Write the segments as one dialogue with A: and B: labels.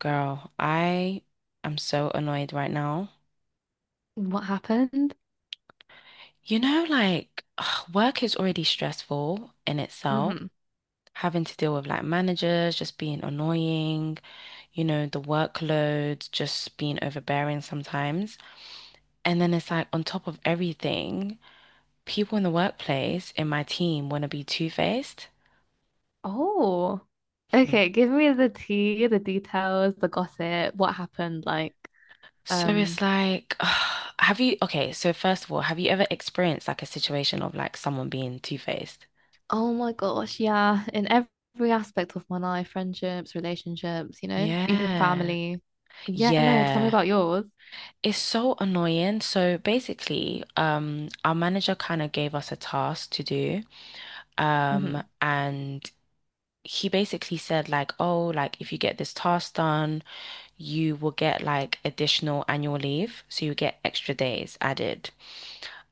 A: Girl, I am so annoyed right now.
B: What happened?
A: You know, like work is already stressful in itself,
B: Hmm.
A: having to deal with like managers just being annoying, you know, the workload just being overbearing sometimes. And then it's like on top of everything, people in the workplace in my team want to be two-faced.
B: Oh,
A: Hmm.
B: okay. Give me the tea, the details, the gossip. What happened?
A: So
B: Um,
A: it's like, okay, so first of all, have you ever experienced like a situation of like someone being two-faced?
B: oh my gosh, yeah. In every aspect of my life, friendships, relationships, you know, even
A: Yeah.
B: family. But yeah, no. Tell me
A: Yeah,
B: about yours.
A: it's so annoying. So basically, our manager kind of gave us a task to do. Um,
B: Hmm.
A: and he basically said like, oh, like if you get this task done, you will get like additional annual leave. So you get extra days added.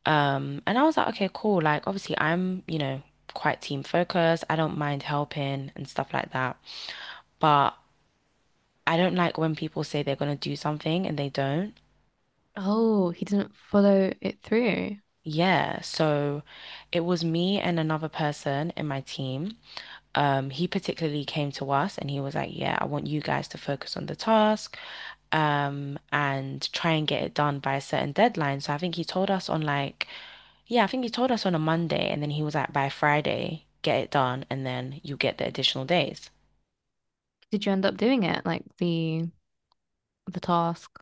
A: And I was like, okay, cool. Like obviously I'm, you know, quite team focused. I don't mind helping and stuff like that. But I don't like when people say they're gonna do something and they don't.
B: Oh, he didn't follow it through.
A: Yeah, so it was me and another person in my team. He particularly came to us and he was like, "Yeah, I want you guys to focus on the task, and try and get it done by a certain deadline." So I think he told us on like, yeah, I think he told us on a Monday, and then he was like, "By Friday, get it done, and then you get the additional days."
B: Did you end up doing it? Like the task?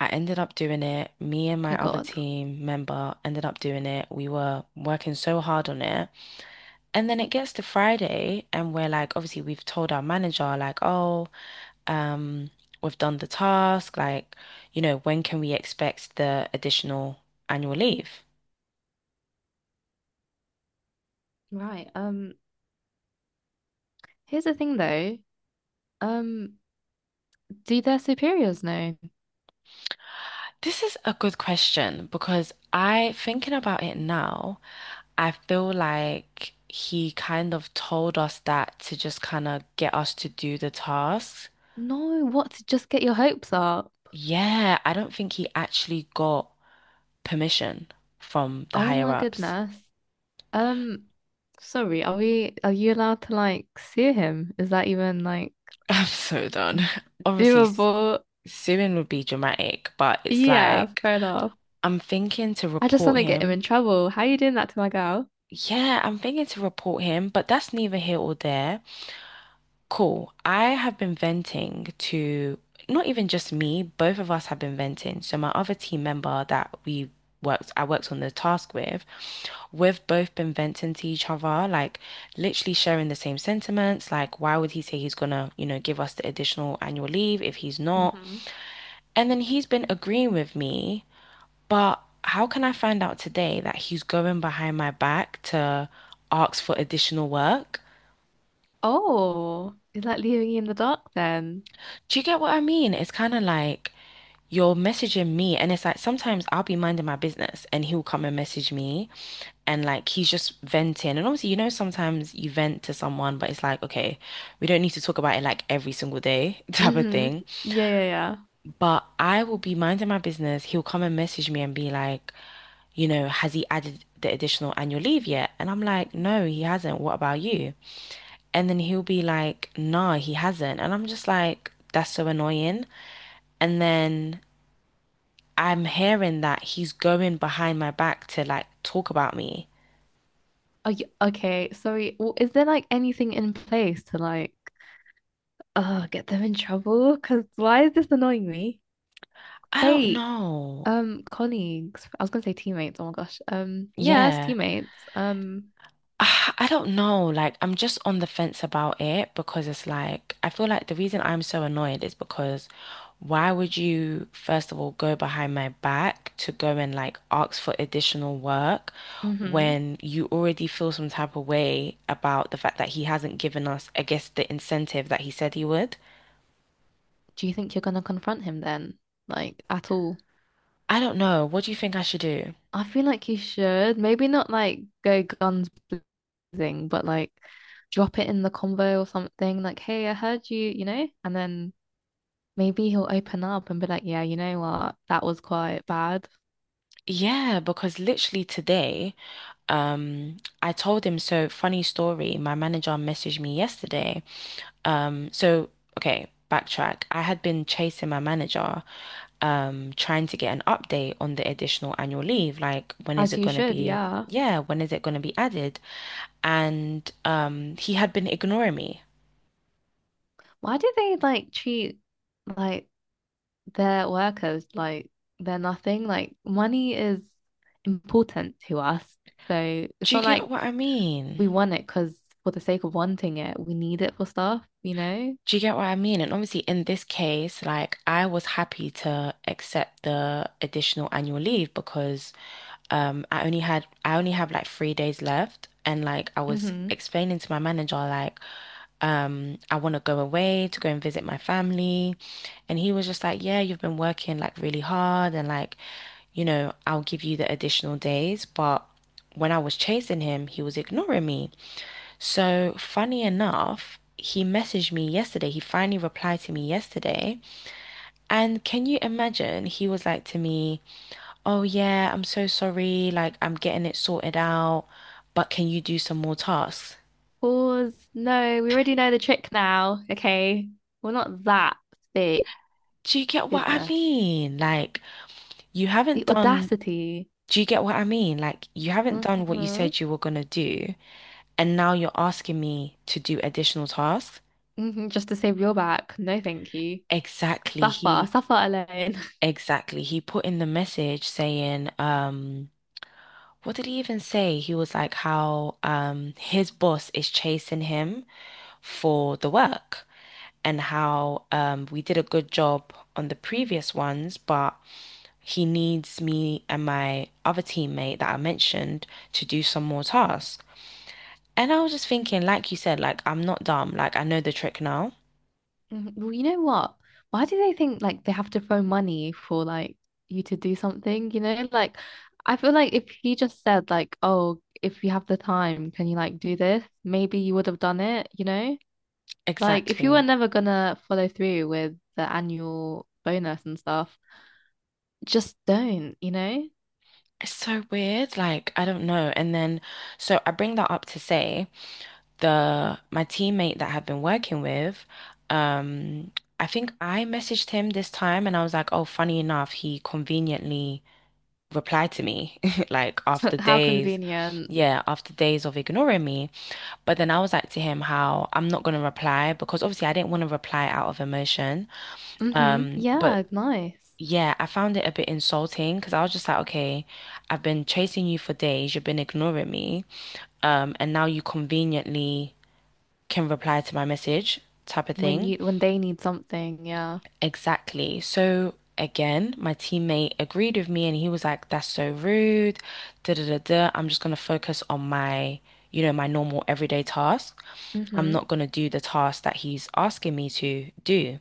A: I ended up doing it. Me and
B: Oh
A: my other
B: God.
A: team member ended up doing it. We were working so hard on it. And then it gets to Friday, and we're like, obviously, we've told our manager, like, oh, um, we've done the task. Like, you know, when can we expect the additional annual leave?
B: Right. Here's the thing, though. Um. Do their superiors know?
A: This is a good question because thinking about it now, I feel like he kind of told us that to just kind of get us to do the tasks.
B: No, what, to just get your hopes up?
A: Yeah, I don't think he actually got permission from the
B: Oh
A: higher
B: my
A: ups.
B: goodness. Um, sorry, are you allowed to like sue him? Is that even like
A: I'm so done. Obviously,
B: doable?
A: suing would be dramatic, but it's
B: Yeah,
A: like
B: fair enough.
A: I'm thinking to
B: I just want
A: report
B: to get him
A: him.
B: in trouble. How are you doing that to my girl?
A: Yeah, I'm thinking to report him, but that's neither here or there. Cool. I have been venting to not even just me, both of us have been venting. So my other team member that I worked on the task with, we've both been venting to each other, like literally sharing the same sentiments. Like, why would he say he's gonna, you know, give us the additional annual leave if he's not?
B: Mm-hmm.
A: And then he's been agreeing with me. But how can I find out today that he's going behind my back to ask for additional work?
B: Oh, is that leaving you in the dark then?
A: Do you get what I mean? It's kind of like you're messaging me, and it's like sometimes I'll be minding my business and he'll come and message me, and like he's just venting. And obviously, you know, sometimes you vent to someone, but it's like, okay, we don't need to talk about it like every single day type of
B: Mm-hmm.
A: thing.
B: Yeah, yeah, yeah.
A: But I will be minding my business. He'll come and message me and be like, you know, has he added the additional annual leave yet? And I'm like, no, he hasn't. What about you? And then he'll be like, nah, he hasn't. And I'm just like, that's so annoying. And then I'm hearing that he's going behind my back to like talk about me.
B: Okay, sorry. Well, is there like anything in place to like get them in trouble? Because why is this annoying me?
A: I don't
B: Fate.
A: know.
B: Colleagues. I was gonna say teammates. Oh my gosh. Yes,
A: Yeah.
B: teammates.
A: Ah, I don't know. Like, I'm just on the fence about it because it's like, I feel like the reason I'm so annoyed is because why would you, first of all, go behind my back to go and like ask for additional work
B: Hmm
A: when you already feel some type of way about the fact that he hasn't given us, I guess, the incentive that he said he would?
B: Do you think you're gonna confront him then? Like at all?
A: I don't know. What do you think I should do?
B: I feel like you should. Maybe not like go guns blazing, but like drop it in the convo or something. Like, hey, I heard you, you know? And then maybe he'll open up and be like, yeah, you know what? That was quite bad.
A: Yeah, because literally today, I told him, so funny story, my manager messaged me yesterday. So okay, backtrack. I had been chasing my manager, trying to get an update on the additional annual leave. Like, when is
B: As
A: it
B: you
A: going to
B: should,
A: be?
B: yeah.
A: Yeah, when is it going to be added? And he had been ignoring me.
B: Why do they like treat like they're workers, like they're nothing. Like money is important to us. So it's
A: Do you
B: not
A: get
B: like
A: what I mean?
B: we want it because for the sake of wanting it, we need it for stuff, you know?
A: Do you get what I mean? And obviously, in this case, like I was happy to accept the additional annual leave because I only have like 3 days left, and like I was
B: Mm-hmm.
A: explaining to my manager, like. I want to go away to go and visit my family. And he was just like, yeah, you've been working like really hard and like, you know, I'll give you the additional days. But when I was chasing him, he was ignoring me. So funny enough, he messaged me yesterday. He finally replied to me yesterday. And can you imagine? He was like to me, oh, yeah, I'm so sorry. Like, I'm getting it sorted out. But can you do some more tasks?
B: Pause. No, we already know the trick now. Okay. We're not that big.
A: Do you get what I
B: Goodness.
A: mean? Like, you haven't
B: The
A: done
B: audacity.
A: Do you get what I mean? Like, you haven't done what you
B: Mm-hmm.
A: said you were going to do, and now you're asking me to do additional tasks.
B: Mm-hmm. Just to save your back. No, thank you.
A: Exactly.
B: Suffer. Suffer alone.
A: He put in the message saying, what did he even say? He was like how his boss is chasing him for the work and how we did a good job on the previous ones, but he needs me and my other teammate that I mentioned to do some more tasks. And I was just thinking, like you said, like I'm not dumb. Like I know the trick now.
B: Mhm. Well, you know what? Why do they think like they have to throw money for like you to do something? You know, like I feel like if he just said like, "Oh, if you have the time, can you like do this?" Maybe you would have done it, you know? Like if you were
A: Exactly.
B: never gonna follow through with the annual bonus and stuff, just don't, you know?
A: It's so weird. Like I don't know. And then so I bring that up to say the my teammate that I've been working with, um, I think I messaged him this time and I was like, oh, funny enough, he conveniently replied to me like after
B: How
A: days,
B: convenient.
A: yeah, after days of ignoring me. But then I was like to him how I'm not gonna reply because obviously I didn't want to reply out of emotion.
B: Mm-hmm.
A: But
B: Yeah, nice.
A: yeah, I found it a bit insulting because I was just like, okay, I've been chasing you for days, you've been ignoring me, and now you conveniently can reply to my message type of
B: When
A: thing.
B: you when they need something, yeah.
A: Exactly. So again, my teammate agreed with me and he was like, that's so rude, da da da da. I'm just gonna focus on my, you know, my normal everyday task. I'm
B: Mm-hmm.
A: not gonna do the task that he's asking me to do,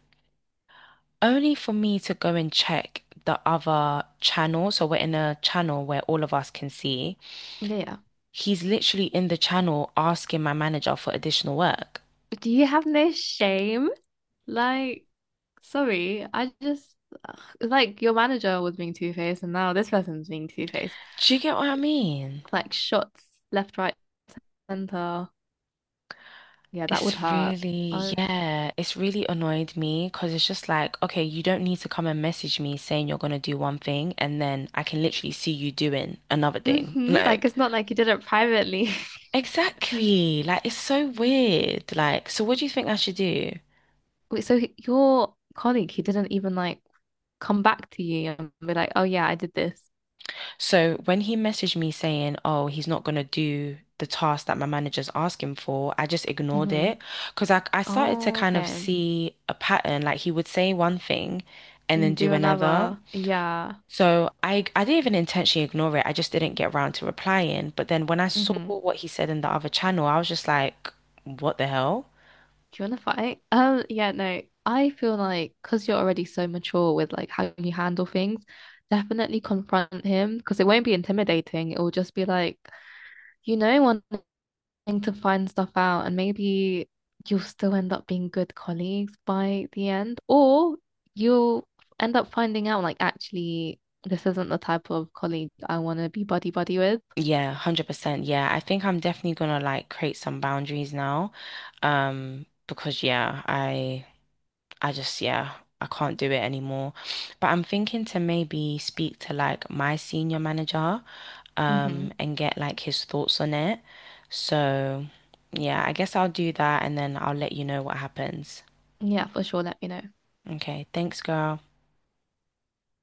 A: only for me to go and check the other channel. So we're in a channel where all of us can see.
B: Yeah, yeah.
A: He's literally in the channel asking my manager for additional work.
B: Do you have no shame? Like, sorry, I just, ugh, it's like your manager was being two-faced and now this person's being two-faced.
A: Do you get what I mean?
B: Like shots left, right, center. Yeah, that would
A: It's
B: hurt.
A: really,
B: I've
A: yeah, it's really annoyed me because it's just like, okay, you don't need to come and message me saying you're going to do one thing and then I can literally see you doing another thing.
B: hmm Like
A: Like,
B: it's not like he did it privately.
A: exactly. Like, it's so weird. Like, so what do you think I should do?
B: Wait, so your colleague, he didn't even like come back to you and be like, "Oh yeah, I did this."
A: So when he messaged me saying, "Oh, he's not gonna do the task that my manager's asking for," I just ignored
B: Mm-hmm.
A: it because I started to
B: Oh,
A: kind of
B: okay.
A: see a pattern. Like he would say one thing and then
B: And do
A: do another.
B: another. Yeah.
A: So I didn't even intentionally ignore it. I just didn't get around to replying. But then when I saw
B: Mm-hmm.
A: what he said in the other channel, I was just like, "What the hell?"
B: Do you want to fight? Yeah, no. I feel like because you're already so mature with like how you handle things, definitely confront him because it won't be intimidating. It will just be like, you know, wanting to find stuff out, and maybe you'll still end up being good colleagues by the end, or you'll end up finding out like actually this isn't the type of colleague I want to be buddy buddy with.
A: Yeah, 100%. Yeah, I think I'm definitely gonna like create some boundaries now. Because yeah, I. I just, yeah, I can't do it anymore. But I'm thinking to maybe speak to like my senior manager,
B: Hmm.
A: and get like his thoughts on it. So, yeah, I guess I'll do that and then I'll let you know what happens.
B: Yeah, for sure. Let me know.
A: Okay, thanks, girl.